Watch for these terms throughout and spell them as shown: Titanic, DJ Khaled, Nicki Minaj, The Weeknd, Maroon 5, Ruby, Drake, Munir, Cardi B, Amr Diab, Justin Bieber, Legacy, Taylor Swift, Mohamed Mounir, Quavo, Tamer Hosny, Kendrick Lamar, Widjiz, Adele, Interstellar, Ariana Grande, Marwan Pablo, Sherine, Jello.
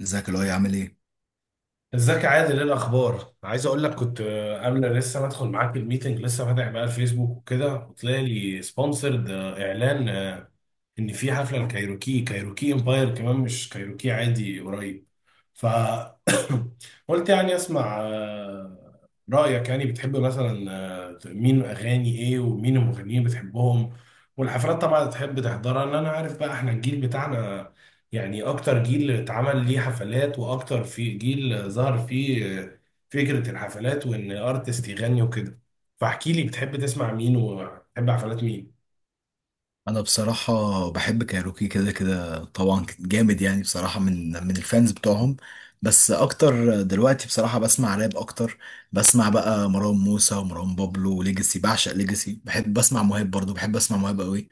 ازيك، اللي هو عامل ايه؟ ازيك يا عادل؟ ايه الاخبار؟ عايز اقول لك كنت قبل لسه ما ادخل معاك الميتنج، لسه فاتح بقى الفيسبوك وكده وطلع لي سبونسرد اعلان ان في حفله لكايروكي كايروكي امباير، كمان مش كايروكي عادي، قريب. ف قلت يعني اسمع رايك. يعني بتحب مثلا مين؟ اغاني ايه ومين المغنيين بتحبهم؟ والحفلات طبعا تحب تحضرها؟ لان انا عارف بقى احنا الجيل بتاعنا، يعني اكتر جيل اتعمل ليه حفلات واكتر في جيل ظهر فيه فكره الحفلات وان ارتست يغني وكده. فاحكي لي بتحب تسمع مين وبتحب حفلات مين. انا بصراحه بحب كايروكي كده كده طبعا، جامد يعني بصراحه من الفانز بتوعهم. بس اكتر دلوقتي بصراحه بسمع راب اكتر. بسمع بقى مروان موسى ومروان بابلو وليجاسي. بعشق ليجاسي. بحب بسمع مهاب برضو. بحب اسمع مهاب قوي.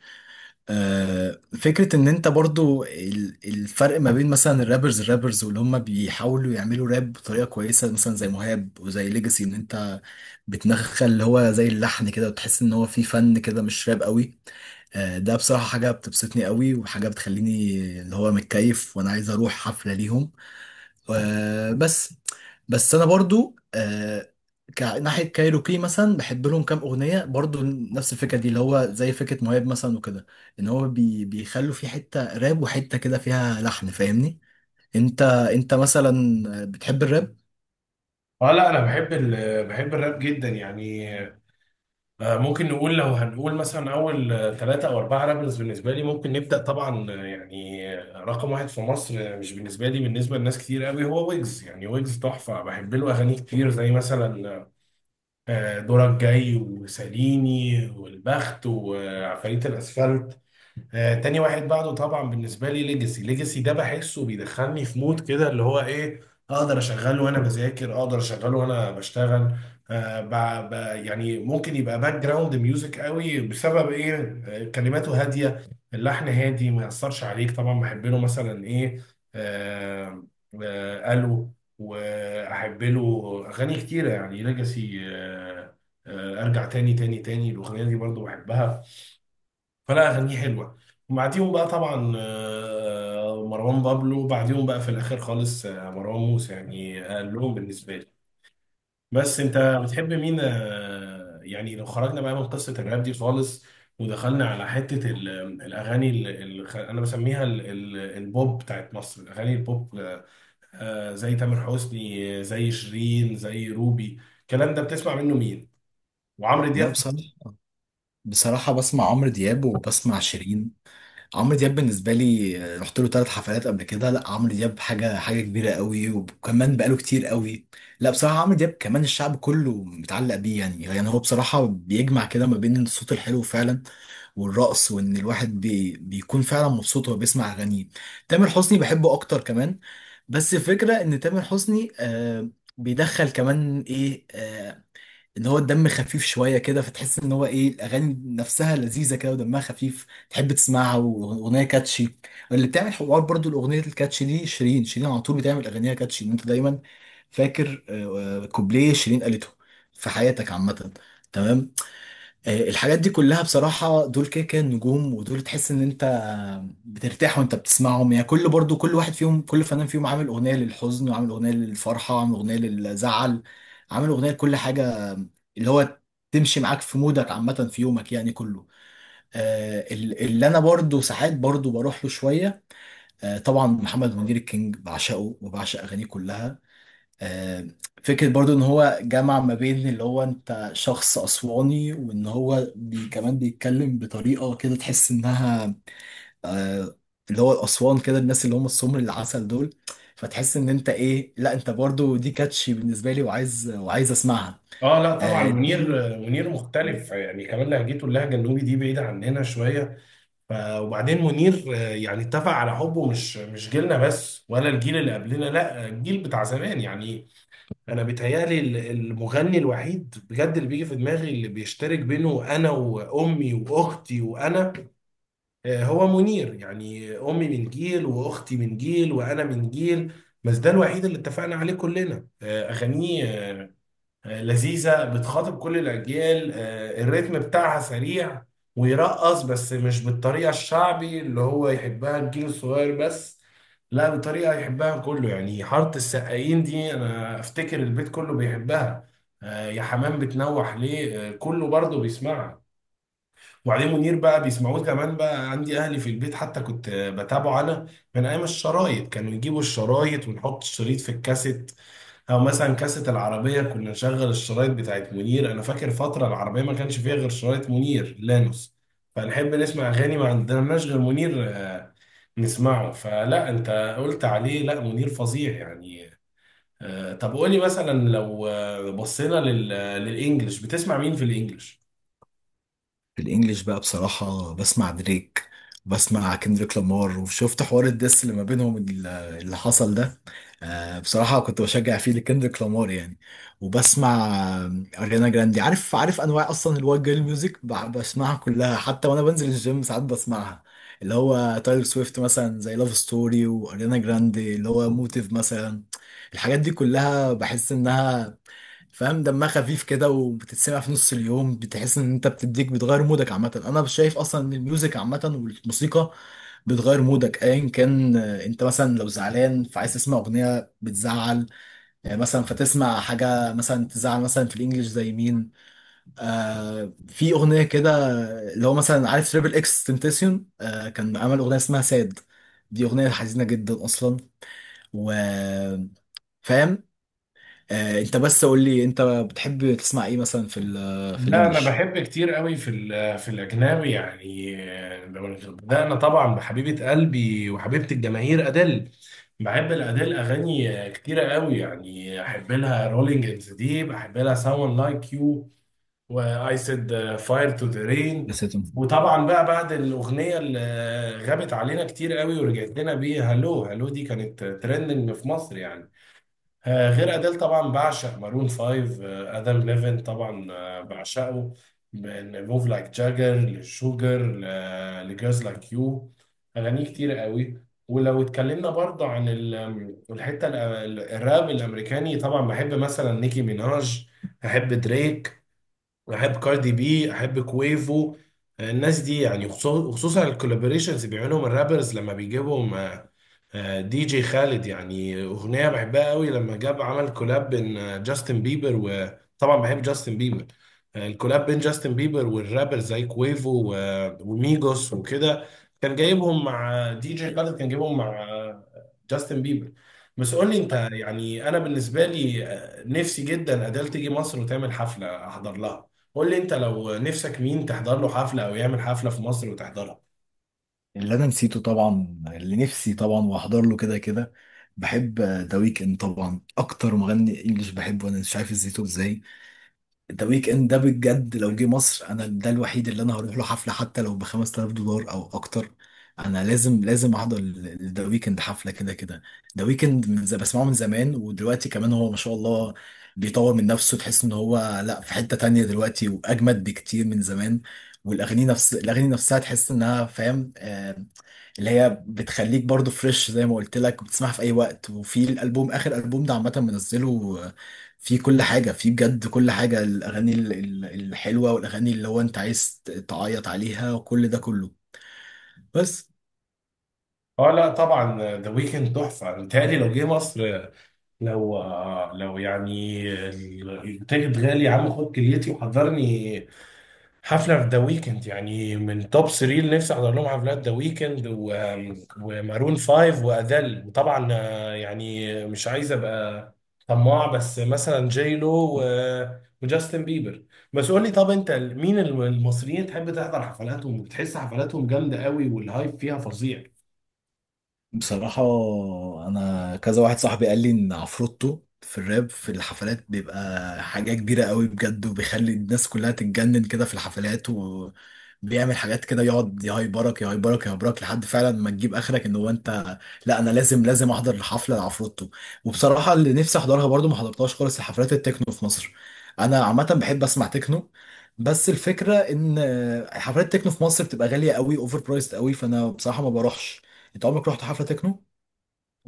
فكره ان انت برضو، الفرق ما بين مثلا الرابرز واللي هم بيحاولوا يعملوا راب بطريقه كويسه، مثلا زي مهاب وزي ليجاسي، ان انت بتنخل اللي هو زي اللحن كده، وتحس ان هو فيه فن كده مش راب قوي. ده بصراحة حاجة بتبسطني قوي، وحاجة بتخليني اللي هو متكيف، وانا عايز اروح حفلة ليهم. بس. بس انا برضو ناحية كايروكي مثلا بحب لهم كام اغنية، برضو نفس الفكرة دي اللي هو زي فكرة مهاب مثلا وكده. ان هو بيخلوا في حتة راب وحتة كده فيها لحن، فاهمني؟ انت مثلا، بتحب الراب؟ اه، لا انا بحب بحب الراب جدا يعني. ممكن نقول، لو هنقول مثلا اول ثلاثة او اربعة رابرز بالنسبة لي، ممكن نبدأ طبعا رقم واحد في مصر، مش بالنسبة لي، بالنسبة لناس كتير قوي، هو ويجز. يعني ويجز تحفة، بحب له اغاني كتير زي مثلا دورك جاي وساليني والبخت وعفاريت الاسفلت. تاني واحد بعده طبعا بالنسبه لي ليجاسي ده بحسه بيدخلني في مود كده اللي هو ايه، اقدر اشغله وانا بذاكر، اقدر اشغله وانا بشتغل. يعني ممكن يبقى باك جراوند ميوزك قوي. بسبب ايه؟ كلماته هاديه، اللحن هادي، ما ياثرش عليك. طبعا بحب له مثلا ايه، آه الو، واحب له اغاني كتيره يعني ليجاسي. ارجع تاني، الاغنيه دي برضو بحبها، فلا اغانيه حلوه. وبعديهم بقى طبعا مروان بابلو، وبعديهم بقى في الاخر خالص مروان موسى، يعني اقلهم بالنسبه لي. بس انت بتحب مين يعني؟ لو خرجنا بقى من قصه الراب دي خالص ودخلنا على حته الاغاني انا بسميها البوب بتاعت مصر، الاغاني البوب، زي تامر حسني، زي شيرين، زي روبي، الكلام ده بتسمع منه مين؟ وعمرو لا، دياب؟ بصراحة بسمع عمرو دياب وبسمع شيرين. عمرو دياب بالنسبه لي، رحت له ثلاث حفلات قبل كده. لا، عمرو دياب حاجه كبيره قوي، وكمان بقاله كتير قوي. لا بصراحه عمرو دياب كمان الشعب كله متعلق بيه، يعني هو بصراحه بيجمع كده ما بين الصوت الحلو فعلا، والرقص، وان الواحد بيكون فعلا مبسوط وهو بيسمع اغانيه. تامر حسني بحبه اكتر كمان. بس الفكره ان تامر حسني بيدخل كمان ايه، اللي هو الدم خفيف شويه كده، فتحس ان هو ايه، الاغاني نفسها لذيذه كده ودمها خفيف، تحب تسمعها، واغنيه كاتشي اللي بتعمل حوار. برضو الاغنيه الكاتشي دي، شيرين شيرين على طول بتعمل اغانيها كاتشي إن انت دايما فاكر كوبليه شيرين قالته في حياتك عامه. تمام. الحاجات دي كلها بصراحة دول كده كده نجوم، ودول تحس ان انت بترتاح وانت بتسمعهم. يعني كل، برضو كل واحد فيهم، كل فنان فيهم عامل اغنية للحزن، وعامل اغنية للفرحة، وعامل اغنية للزعل، عامل اغنية لكل حاجة اللي هو تمشي معاك في مودك عامة في يومك يعني كله. اللي انا برضو ساعات برضو بروح له شوية. طبعا محمد منير الكينج، بعشقه وبعشق اغانيه كلها. آه، فكرة برضو ان هو جمع ما بين اللي هو انت شخص اسواني، وان هو كمان بيتكلم بطريقة كده تحس انها آه، اللي هو الاسوان كده، الناس اللي هم السمر العسل دول، فتحس ان انت ايه، لا انت برضو دي كاتشي بالنسبة لي، وعايز وعايز اسمعها. اه لا طبعا آه، منير مختلف يعني، كمان لهجته، اللهجه النوبي دي بعيده عننا شويه. وبعدين منير يعني اتفق على حبه مش جيلنا بس، ولا الجيل اللي قبلنا، لا الجيل بتاع زمان يعني. انا بيتهيالي المغني الوحيد بجد اللي بيجي في دماغي، اللي بيشترك بينه انا وامي واختي وانا هو منير. يعني امي من جيل واختي من جيل وانا من جيل، بس ده الوحيد اللي اتفقنا عليه كلنا. اغانيه لذيذة، بتخاطب كل الأجيال، الريتم بتاعها سريع ويرقص، بس مش بالطريقة الشعبي اللي هو يحبها الجيل الصغير بس، لا بطريقة يحبها كله يعني. حارة السقايين دي أنا أفتكر البيت كله بيحبها، يا حمام بتنوح ليه كله برضه بيسمعها. وبعدين منير بقى بيسمعوه كمان بقى عندي اهلي في البيت، حتى كنت بتابعه انا من ايام الشرايط. كانوا يجيبوا الشرايط ونحط الشريط في الكاسيت، او مثلا كاسيت العربيه كنا نشغل الشرايط بتاعت منير. انا فاكر فتره العربيه ما كانش فيها غير شرايط منير لانوس، فنحب نسمع اغاني. ما عندناش غير منير نسمعه. فلا انت قلت عليه، لا منير فظيع يعني. طب قولي مثلا، لو بصينا للانجليش، بتسمع مين في الانجليش؟ في الانجليش بقى بصراحة بسمع دريك. بسمع كندريك لامار، وشفت حوار الدس اللي ما بينهم اللي حصل ده. بصراحة كنت بشجع فيه لكندريك لامار يعني. وبسمع آه، اريانا جراندي. عارف انواع اصلا الوايت جيرل ميوزك، بسمعها كلها، حتى وانا بنزل الجيم ساعات بسمعها. اللي هو تايلور سويفت مثلا زي لاف ستوري، واريانا جراندي اللي هو موتيف مثلا. الحاجات دي كلها بحس انها، فاهم، دمها خفيف كده وبتتسمع في نص اليوم، بتحس ان انت بتديك بتغير مودك عامه. انا شايف اصلا ان الميوزك عامه والموسيقى بتغير مودك ايا كان. انت مثلا لو زعلان فعايز تسمع اغنيه بتزعل، مثلا فتسمع حاجه مثلا تزعل، مثلا في الانجليش زي مين؟ في اغنيه كده اللي هو مثلا، عارف تريبل اكس تنتسيون كان عمل اغنيه اسمها ساد. دي اغنيه حزينه جدا اصلا، و، فاهم. انت بس قول لي، انت بتحب تسمع ايه مثلا، في لا انا الانجليش؟ بحب كتير قوي في في الاجنبي يعني. بدانا طبعا بحبيبه قلبي وحبيبه الجماهير ادل. بحب الادل اغاني كتيره قوي، يعني احب لها رولينج ان ذا ديب، احب لها ساون لايك يو، واي سيد، فاير تو ذا رين. نسيت. وطبعا بقى بعد الاغنيه اللي غابت علينا كتير قوي ورجعت لنا بيها، هلو، هلو دي كانت ترندنج في مصر يعني. غير أديل طبعا بعشق مارون فايف، آدم ليفن طبعا بعشقه. لفوف لايك جاجر، لشوجر، لجيرز لايك يو، أغانيه كتير قوي. ولو اتكلمنا برضه عن الحتة الراب الأمريكاني، طبعا بحب مثلا نيكي ميناج، أحب دريك، أحب كاردي بي، أحب كويفو. الناس دي يعني وخصوصا الكولابوريشنز بيعملهم الرابرز لما بيجيبهم دي جي خالد. يعني اغنيه بحبها قوي لما جاب عمل كولاب بين جاستن بيبر، وطبعا بحب جاستن بيبر. الكولاب بين جاستن بيبر والرابر زي كويفو وميجوس وكده، كان جايبهم مع دي جي خالد، كان جايبهم مع جاستن بيبر. بس قول لي انت، يعني انا بالنسبه لي نفسي جدا اديل تيجي مصر وتعمل حفله احضر لها. قول لي انت، لو نفسك مين تحضر له حفله او يعمل حفله في مصر وتحضرها؟ اللي انا نسيته طبعا، اللي نفسي طبعا واحضر له كده كده، بحب ذا ويكند. طبعا اكتر مغني انجليش بحبه انا، مش عارف ازاي ده ويك اند ده، بجد لو جه مصر انا ده الوحيد اللي انا هروح له حفله، حتى لو ب 5000 دولار او اكتر. انا لازم لازم احضر ذا ويكند حفله كده كده. ذا ويكند من بسمعه من زمان، ودلوقتي كمان هو ما شاء الله بيطور من نفسه، تحس ان هو لا في حته تانية دلوقتي، واجمد بكتير من زمان. والاغاني، نفس الاغاني نفسها تحس انها، فاهم، اللي هي بتخليك برضو فريش، زي ما قلت لك، بتسمعها في اي وقت. وفي الالبوم، اخر البوم ده عامه منزله، فيه كل حاجه، فيه بجد كل حاجه، الاغاني الحلوه، والاغاني اللي هو انت عايز تعيط عليها، وكل ده كله. بس اه لا طبعا ذا ويكند تحفه، متهيألي لو جه مصر، لو لو يعني، التيكت غالي يا عم خد كليتي وحضرني حفله في ذا ويكند. يعني من توب 3 اللي نفسي احضر لهم حفلات، ذا ويكند ومارون 5 وادل. وطبعا يعني مش عايز ابقى طماع، بس مثلا جيلو و- وجاستن بيبر. بس قول لي، طب انت مين المصريين تحب تحضر حفلاتهم وبتحس حفلاتهم جامده قوي والهايب فيها فظيع؟ بصراحة، أنا كذا واحد صاحبي قال لي إن عفروتو في الراب في الحفلات بيبقى حاجة كبيرة قوي بجد، وبيخلي الناس كلها تتجنن كده في الحفلات، وبيعمل حاجات كده، يقعد يهايبرك يهايبرك يهايبرك لحد فعلا ما تجيب آخرك إن هو أنت. لا، أنا لازم لازم أحضر حفلة لعفروتو. وبصراحة اللي نفسي أحضرها برضو ما حضرتهاش خالص، الحفلات التكنو في مصر. أنا عامة بحب أسمع تكنو. بس الفكرة إن حفلات التكنو في مصر بتبقى غالية قوي، أوفر برايسد قوي، فأنا بصراحة ما بروحش. انت عمرك رحت حفلة تكنو؟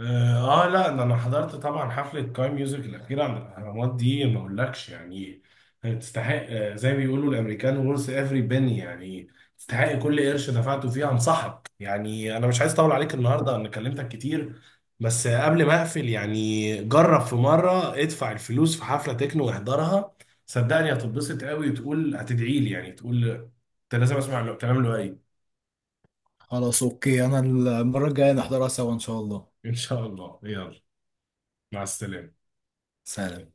اه، لا ده انا حضرت طبعا حفله كاي ميوزك الاخيره عند الاهرامات، دي ما اقولكش يعني. تستحق، زي ما بيقولوا الامريكان، ورث افري بني، يعني تستحق كل قرش دفعته فيها، انصحك. يعني انا مش عايز اطول عليك النهارده، انا كلمتك كتير، بس قبل ما اقفل، يعني جرب في مره ادفع الفلوس في حفله تكنو واحضرها، صدقني هتتبسط قوي وتقول هتدعي لي. يعني تقول انت لازم اسمع الكلام اللي قايل. خلاص، اوكي، انا المرة الجاية نحضرها سوا ان شاء الله. ان شاء الله يلا، مع السلامه. سلام.